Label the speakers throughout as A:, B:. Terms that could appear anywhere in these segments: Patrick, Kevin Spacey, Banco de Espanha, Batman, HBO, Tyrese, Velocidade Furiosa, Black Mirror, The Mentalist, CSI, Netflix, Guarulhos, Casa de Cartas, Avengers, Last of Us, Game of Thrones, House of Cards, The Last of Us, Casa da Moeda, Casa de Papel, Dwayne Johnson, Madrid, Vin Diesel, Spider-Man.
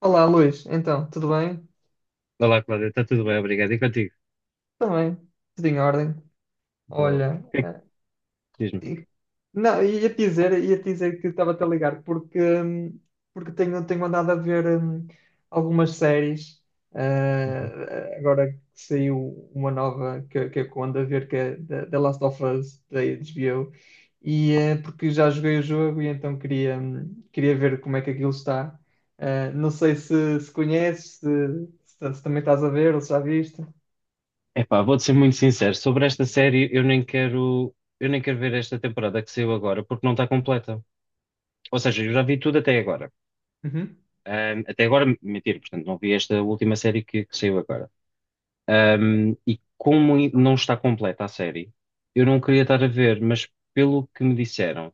A: Olá, Luís. Então, tudo bem?
B: Olá, Cláudia, está tudo bem, obrigado. E contigo?
A: Também, tudo em ordem.
B: Boa,
A: Olha,
B: diz-me.
A: e- não, ia te dizer que estava a ligar porque porque tenho andado a ver algumas séries.
B: Uhum.
A: Agora que saiu uma nova que eu ando a ver que é The Last of Us da HBO e porque já joguei o jogo e então queria queria ver como é que aquilo está. Não sei se conheces, se também estás a ver ou se já viste.
B: Epá, vou-te ser muito sincero, sobre esta série eu nem quero ver esta temporada que saiu agora, porque não está completa. Ou seja, eu já vi tudo até agora.
A: Uhum.
B: Até agora, mentira, portanto, não vi esta última série que saiu agora. E como não está completa a série, eu não queria estar a ver, mas pelo que me disseram,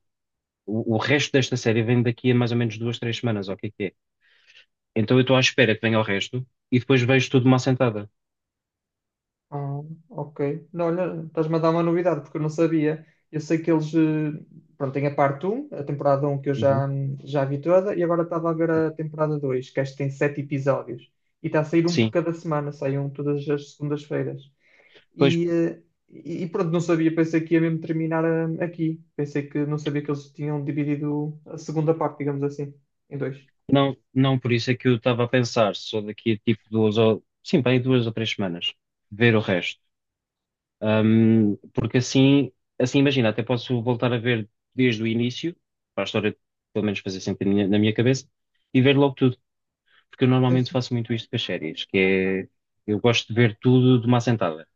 B: o resto desta série vem daqui a mais ou menos duas, três semanas, ou o que é que é? Então eu estou à espera que venha o resto e depois vejo tudo de uma assentada.
A: Ah, ok. Não, olha, estás-me a dar uma novidade, porque eu não sabia. Eu sei que eles, pronto, tem a parte um a temporada um que eu
B: Uhum.
A: já vi toda, e agora estava a ver a temporada 2 que acho que tem 7 episódios. E está a sair um por
B: Sim,
A: cada semana, sai um todas as segundas-feiras.
B: pois
A: E, e pronto, não sabia, pensei que ia mesmo terminar aqui. Pensei que não sabia que eles tinham dividido a segunda parte, digamos assim, em dois.
B: não, não, por isso é que eu estava a pensar, só daqui a tipo duas ou sim, bem duas ou três semanas, ver o resto. Porque assim, assim imagina, até posso voltar a ver desde o início, para a história pelo menos fazer sempre na minha cabeça, e ver logo tudo, porque eu normalmente faço muito isto com as séries, que é eu gosto de ver tudo de uma assentada.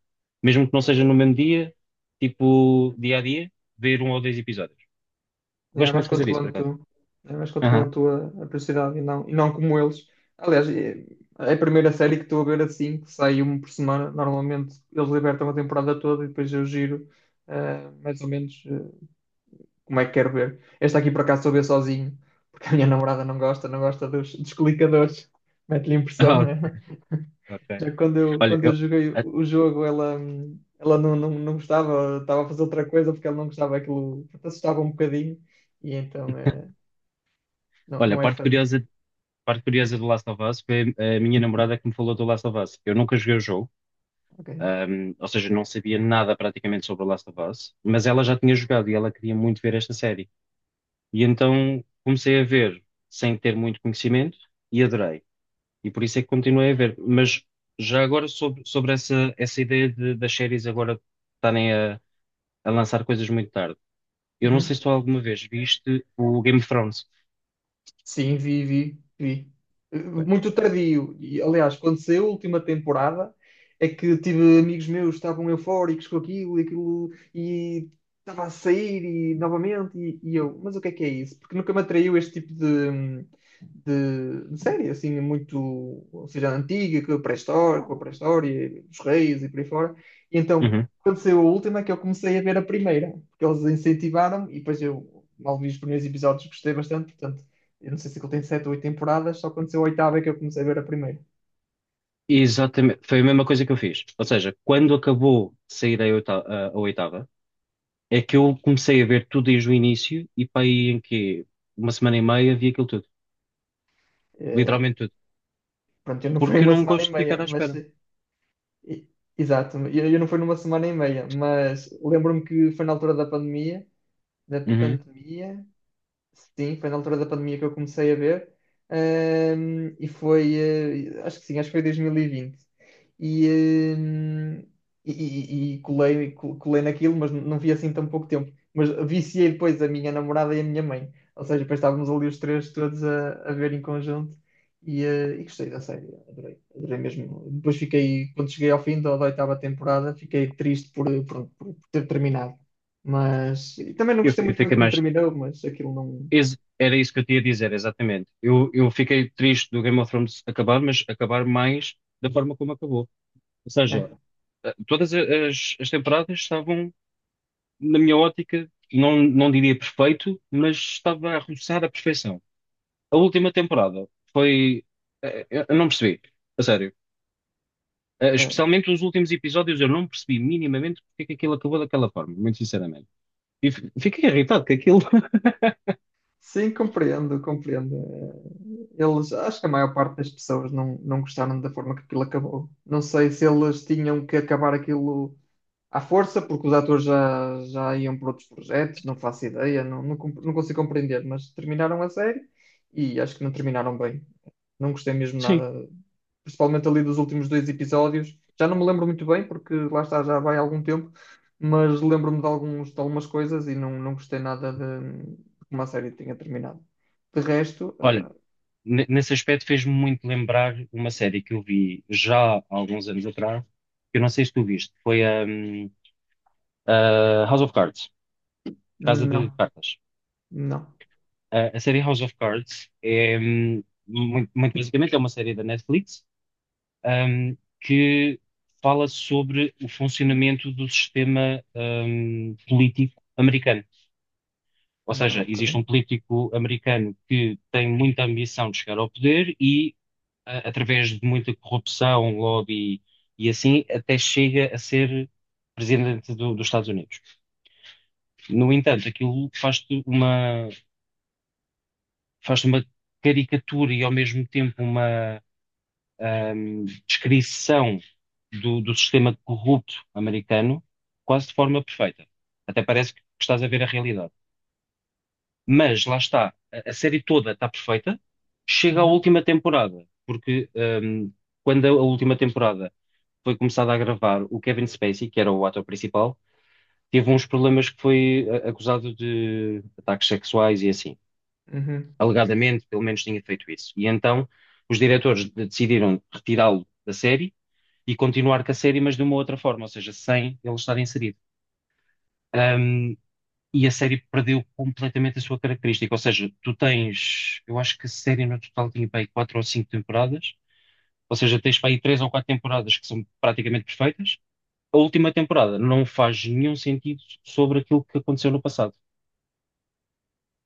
B: Mesmo que não seja no mesmo dia, tipo dia a dia, ver um ou dois episódios.
A: É,
B: Gosto muito
A: vais
B: de fazer isso, por
A: controlando
B: acaso.
A: tu, é, vais controlando
B: Aham.
A: tu a prioridade e não como eles. Aliás, é a primeira série que estou a ver assim, que sai uma por semana. Normalmente eles libertam a temporada toda e depois eu giro mais ou menos como é que quero ver. Esta aqui por acaso estou a ver sozinho, porque a minha namorada não gosta, não gosta dos, dos clicadores. Mete-lhe impressão,
B: Ah,
A: né?
B: ok.
A: Já que quando eu,
B: Olha,
A: quando
B: eu.
A: eu joguei o jogo, ela, ela não gostava, estava a fazer outra coisa porque ela não gostava aquilo, assustava um bocadinho. E então, não,
B: Olha,
A: não é sadista.
B: a parte curiosa do Last of Us foi a minha namorada que me falou do Last of Us. Eu nunca joguei o jogo,
A: Ok.
B: ou seja, não sabia nada praticamente sobre o Last of Us, mas ela já tinha jogado e ela queria muito ver esta série. E então comecei a ver sem ter muito conhecimento e adorei. E por isso é que continuei a ver. Mas já agora sobre essa das séries agora estarem a lançar coisas muito tarde. Eu não sei
A: Uhum.
B: se tu alguma vez viste o Game of Thrones.
A: Sim, vi, vi, vi.
B: Foi.
A: Muito tardio. E, aliás, quando saiu a última temporada, é que tive amigos meus que estavam eufóricos com aquilo e aquilo, e estava a sair e novamente, e eu, mas o que é isso? Porque nunca me atraiu este tipo de série, assim, muito, ou seja, antiga, com a pré-história, dos reis e por aí fora. E então, quando saiu a última, é que eu comecei a ver a primeira, porque eles incentivaram, e depois eu mal vi os primeiros episódios, gostei bastante, portanto. Eu não sei se ele tem sete ou oito temporadas, só aconteceu a oitava é que eu comecei a ver a primeira.
B: Exatamente, foi a mesma coisa que eu fiz. Ou seja, quando acabou de sair a a oitava, é que eu comecei a ver tudo desde o início e para aí em que uma semana e meia vi aquilo tudo,
A: Eh,
B: literalmente tudo,
A: Pronto, eu não fui
B: porque eu
A: uma
B: não
A: semana e
B: gosto de ficar
A: meia,
B: à
A: mas.
B: espera.
A: e- Exato, eu não fui numa semana e meia, mas lembro-me que foi na altura da pandemia, da
B: Uhum.
A: pandemia, sim, foi na altura da pandemia que eu comecei a ver. E foi, acho que sim, acho que foi 2020. E, vinte. E, e colei naquilo, mas não vi assim tão pouco tempo. Mas viciei depois a minha namorada e a minha mãe. Ou seja, depois estávamos ali os três todos a ver em conjunto. E, e gostei da série, adorei, adorei mesmo. Depois fiquei, quando cheguei ao fim da, oitava temporada, fiquei triste por, por ter terminado. Mas e também não gostei
B: Eu
A: muito bem
B: fiquei
A: como
B: mais.
A: terminou, mas aquilo não.
B: ex- Era isso que eu tinha a dizer, exatamente. Eu fiquei triste do Game of Thrones acabar, mas acabar mais da forma como acabou. Ou seja,
A: É,
B: todas as temporadas estavam, na minha ótica, não diria perfeito, mas estava a roçar a perfeição. A última temporada foi. Eu não percebi, a sério.
A: é.
B: Especialmente os últimos episódios, eu não percebi minimamente porque é que aquilo acabou daquela forma, muito sinceramente. E fiquei irritado com aquilo.
A: Sim, compreendo, compreendo. Eles, acho que a maior parte das pessoas não gostaram da forma que aquilo acabou. Não sei se eles tinham que acabar aquilo à força, porque os atores já iam para outros projetos, não faço ideia, não consigo compreender, mas terminaram a série e acho que não terminaram bem. Não gostei mesmo
B: Sim.
A: nada, principalmente ali dos últimos dois episódios. Já não me lembro muito bem, porque lá está, já vai algum tempo, mas lembro-me de algumas coisas e não gostei nada de como a série tinha terminado. De resto,
B: Olha, nesse aspecto fez-me muito lembrar uma série que eu vi já há alguns anos atrás, que eu não sei se tu viste, foi a House of Cards, Casa de
A: não,
B: Cartas.
A: não,
B: A série House of Cards é, muito, muito basicamente, é uma série da Netflix ahm, que fala sobre o funcionamento do sistema, político americano. Ou
A: não,
B: seja,
A: ok.
B: existe um político americano que tem muita ambição de chegar ao poder e, através de muita corrupção, lobby e assim, até chega a ser presidente dos Estados Unidos. No entanto, aquilo faz-te uma, faz uma caricatura e, ao mesmo tempo, uma descrição do sistema corrupto americano quase de forma perfeita. Até parece que estás a ver a realidade. Mas lá está, a série toda está perfeita, chega à
A: Uhum,
B: última temporada, porque quando a última temporada foi começada a gravar, o Kevin Spacey, que era o ator principal, teve uns problemas que foi acusado de ataques sexuais e assim.
A: uhum.
B: Alegadamente, pelo menos tinha feito isso. E então os diretores decidiram retirá-lo da série e continuar com a série, mas de uma outra forma, ou seja, sem ele estar inserido. Um, e a série perdeu completamente a sua característica, ou seja, tu tens, eu acho que a série no total tinha para aí quatro ou cinco temporadas, ou seja, tens para aí três ou quatro temporadas que são praticamente perfeitas. A última temporada não faz nenhum sentido sobre aquilo que aconteceu no passado.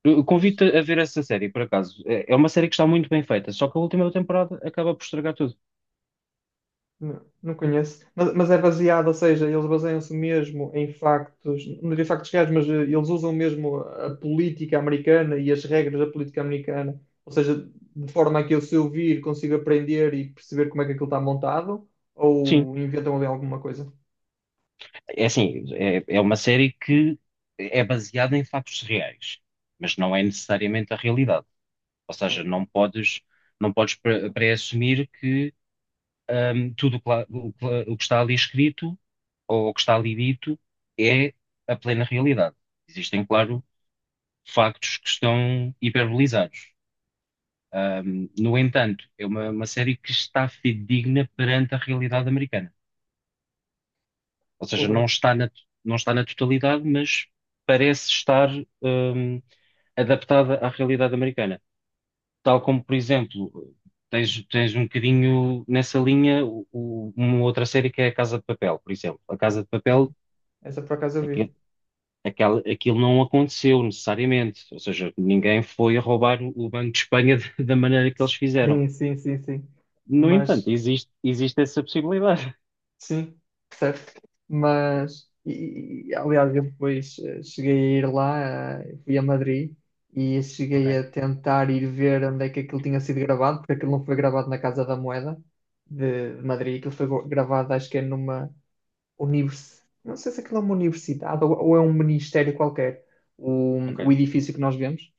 B: Eu
A: Pois.
B: convido-te a ver essa série, por acaso. É uma série que está muito bem feita, só que a última temporada acaba por estragar tudo.
A: Não, não conheço. Mas é baseado, ou seja, eles baseiam-se mesmo em factos, não diria factos reais, mas eles usam mesmo a política americana e as regras da política americana. Ou seja, de forma a que eu, se eu vir, consigo aprender e perceber como é que aquilo está montado,
B: Sim,
A: ou inventam ali alguma coisa.
B: é assim, é, é uma série que é baseada em factos reais, mas não é necessariamente a realidade. Ou
A: Ah,
B: seja,
A: ok.
B: não podes pré-assumir que tudo o que o que está ali escrito ou o que está ali dito é a plena realidade. Existem, claro, factos que estão hiperbolizados. No entanto, é uma série que está fidedigna perante a realidade americana. Ou seja,
A: Porra,
B: não está na totalidade, mas parece estar, hum, adaptada à realidade americana. Tal como, por exemplo, tens um bocadinho nessa linha uma outra série que é a Casa de Papel, por exemplo. A Casa de
A: sim.
B: Papel,
A: Essa por acaso eu vi.
B: aquele, aquilo não aconteceu necessariamente, ou seja, ninguém foi a roubar o Banco de Espanha da maneira que eles fizeram.
A: Sim, sim, sim, sim.
B: No entanto,
A: Mas,
B: existe essa possibilidade.
A: sim, certo. Mas, aliás, eu depois cheguei a ir lá, fui a Madrid e
B: Ok,
A: cheguei a tentar ir ver onde é que aquilo tinha sido gravado, porque aquilo não foi gravado na Casa da Moeda de, Madrid, aquilo foi gravado, acho que é numa não sei se aquilo é uma universidade ou é um ministério qualquer, o
B: ok.
A: edifício que nós vemos.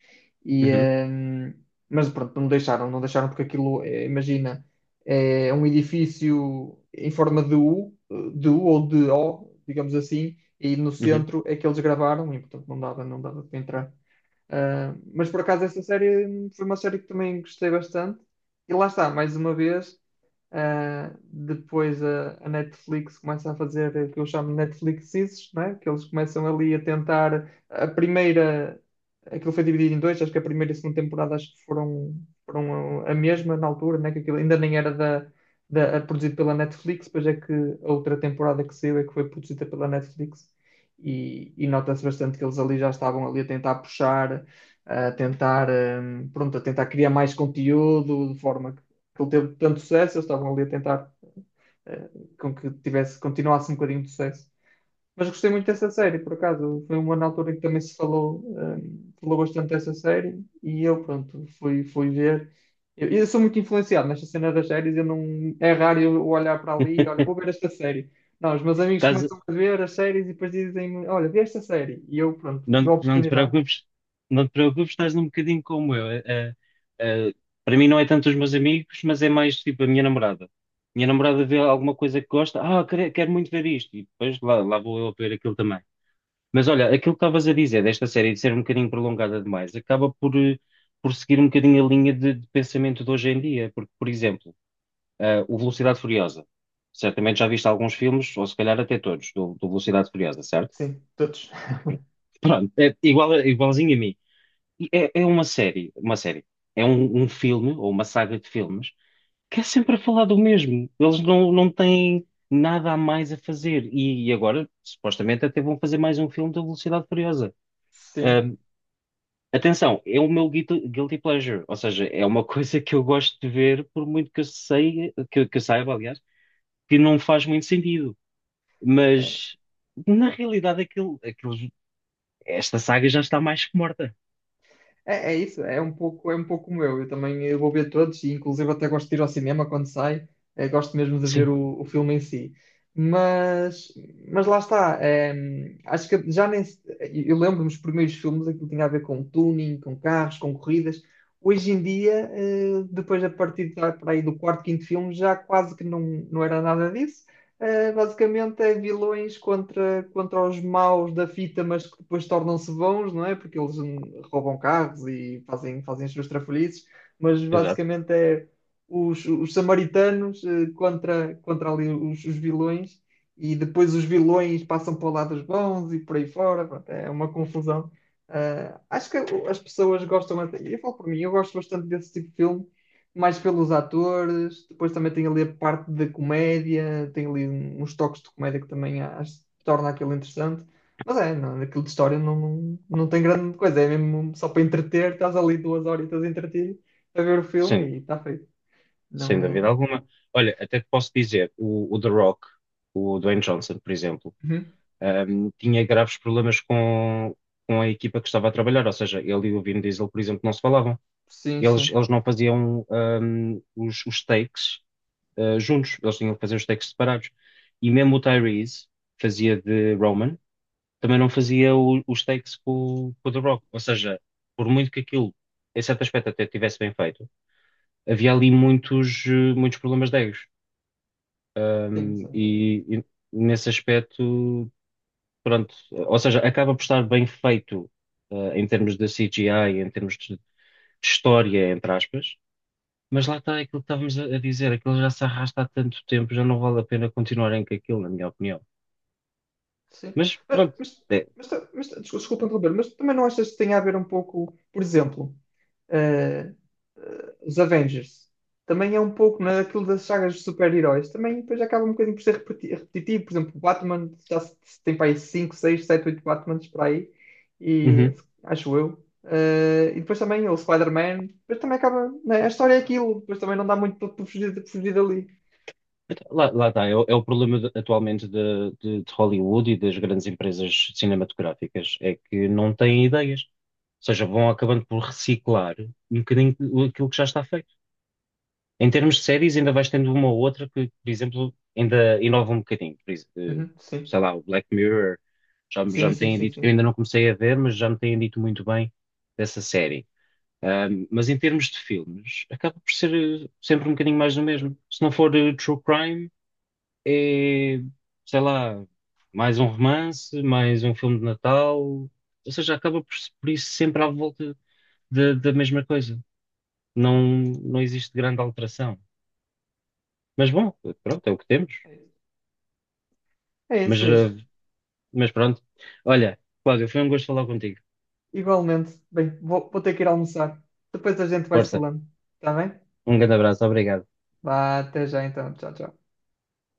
A: E,
B: Uhum,
A: mas pronto, não deixaram, não deixaram porque aquilo, é, imagina, é um edifício em forma de U ou de O, digamos assim, e no
B: uhum.
A: centro é que eles gravaram e portanto não dava, não dava para entrar. Ah, mas por acaso essa série foi uma série que também gostei bastante. E lá está, mais uma vez, depois a Netflix começa a fazer o que eu chamo de Netflixes, né? Que eles começam ali a tentar a primeira, aquilo foi dividido em dois, acho que a primeira e a segunda temporada acho que foram a mesma na altura, né? Que aquilo ainda nem era produzido pela Netflix, depois é que a outra temporada que saiu é que foi produzida pela Netflix e nota-se bastante que eles ali já estavam ali a tentar puxar a tentar, pronto, a tentar criar mais conteúdo de forma que ele teve tanto sucesso, eles estavam ali a tentar eh, com que tivesse, continuasse um bocadinho de sucesso. Mas gostei muito dessa série, por acaso. Foi uma na altura em que também se falou, falou bastante dessa série e eu, pronto, fui ver. Eu sou muito influenciado nesta cena das séries, eu não, é raro eu olhar para ali e olha, vou ver esta série. Não, os meus amigos
B: Casa-
A: começam a ver as séries e depois dizem-me, olha, vê esta série. E eu, pronto,
B: Não,
A: dou a
B: não te
A: oportunidade.
B: preocupes, não te preocupes, estás um bocadinho como eu. Eh, para mim não é tanto os meus amigos, mas é mais tipo a minha namorada. Minha namorada vê alguma coisa que gosta, ah, quero muito ver isto, e depois lá vou eu ver aquilo também. Mas olha, aquilo que estavas a dizer desta série de ser um bocadinho prolongada demais, acaba por por seguir um bocadinho a linha de pensamento de hoje em dia, porque, por exemplo, o Velocidade Furiosa. Certamente já viste alguns filmes, ou se calhar até todos, do Velocidade Furiosa, certo?
A: Sim, todos.
B: Pronto, é igual, igualzinho a mim. E é, é uma série, uma série. É um filme ou uma saga de filmes que é sempre a falar do mesmo. Eles não têm nada a mais a fazer. E agora, supostamente, até vão fazer mais um filme da Velocidade Furiosa. Ahm, Atenção, é o meu guilty pleasure. Ou seja, é uma coisa que eu gosto de ver, por muito que eu sei, que eu saiba, aliás, que não faz muito sentido.
A: Sim.
B: Mas, na realidade, esta saga já está mais que morta.
A: É, é isso, é um pouco como eu. Eu também eu vou ver todos, e inclusive até gosto de ir ao cinema quando sai, gosto mesmo de ver
B: Sim,
A: o filme em si. Mas, mas lá está, acho que já nem. Eu lembro-me dos primeiros filmes, aquilo tinha a ver com tuning, com carros, com corridas. Hoje em dia, depois a partir para aí do quarto, quinto filme, já quase que não era nada disso. Basicamente é vilões contra os maus da fita, mas que depois tornam-se bons, não é? Porque eles roubam carros e fazem as suas trafalhices, mas
B: exato.
A: basicamente é os samaritanos contra ali os vilões, e depois os vilões passam para o lado dos bons e por aí fora, pronto, é uma confusão. Ah, acho que as pessoas gostam, eu falo por mim, eu gosto bastante desse tipo de filmes mais pelos atores, depois também tem ali a parte da comédia, tem ali uns toques de comédia que também acho, torna aquilo interessante. Mas é, não, aquilo de história não tem grande coisa, é mesmo só para entreter, estás ali duas horitas a entreter, a ver o filme
B: Sim.
A: e está feito. Não
B: Sem dúvida
A: é.
B: alguma. Olha, até te posso dizer, o The Rock, o Dwayne Johnson, por exemplo,
A: Uhum.
B: tinha graves problemas com a equipa que estava a trabalhar, ou seja, ele e o Vin Diesel, por exemplo, não se falavam.
A: Sim,
B: Eles,
A: sim.
B: eles não faziam os takes juntos, eles tinham que fazer os takes separados. E mesmo o Tyrese fazia de Roman, também não fazia os takes com, com o The Rock. Ou seja, por muito que aquilo, em certo aspecto, até tivesse bem feito, havia ali muitos, muitos problemas de egos.
A: Sim,
B: Um,
A: sim.
B: e nesse aspecto, pronto, ou seja, acaba por estar bem feito, em termos de CGI, em termos de história, entre aspas, mas lá está aquilo que estávamos a dizer, aquilo já se arrasta há tanto tempo, já não vale a pena continuarem com aquilo, na minha opinião.
A: Sim.
B: Mas
A: Mas,
B: pronto, é,
A: mas desculpa interromper, mas também não achas que tem a ver um pouco, por exemplo, eh, os Avengers. Também é um pouco naquilo das sagas de super-heróis. Também depois acaba um bocadinho por ser repetitivo. Por exemplo, o Batman já se tem para aí 5, 6, 7, 8 Batmans para aí. E
B: uhum.
A: acho eu. E depois também o Spider-Man. Depois também acaba, né, a história é aquilo. Depois também não dá muito para fugir, para fugir dali.
B: Então, lá está, o é o problema atualmente de Hollywood e das grandes empresas cinematográficas, é que não têm ideias. Ou seja, vão acabando por reciclar um bocadinho aquilo que já está feito. Em termos de séries, ainda vais tendo uma ou outra que, por exemplo, ainda inova um bocadinho.
A: Uhum, sim.
B: Sei lá, o Black Mirror, já
A: Sim,
B: me
A: sim,
B: têm
A: sim,
B: dito, eu
A: sim.
B: ainda não comecei a ver, mas já me têm dito muito bem dessa série. Mas em termos de filmes, acaba por ser sempre um bocadinho mais do mesmo. Se não for True Crime, é, sei lá, mais um romance, mais um filme de Natal. Ou seja, acaba por isso sempre à volta da mesma coisa. Não, não existe grande alteração. Mas bom, pronto, é o que temos.
A: É
B: Mas,
A: isso,
B: eh,
A: Luís.
B: mas pronto. Olha, Cláudio, foi um gosto falar contigo.
A: Igualmente. Bem, vou ter que ir almoçar. Depois a gente vai se
B: Força.
A: falando. Está bem?
B: Um grande abraço. Obrigado.
A: Vá, até já então. Tchau, tchau.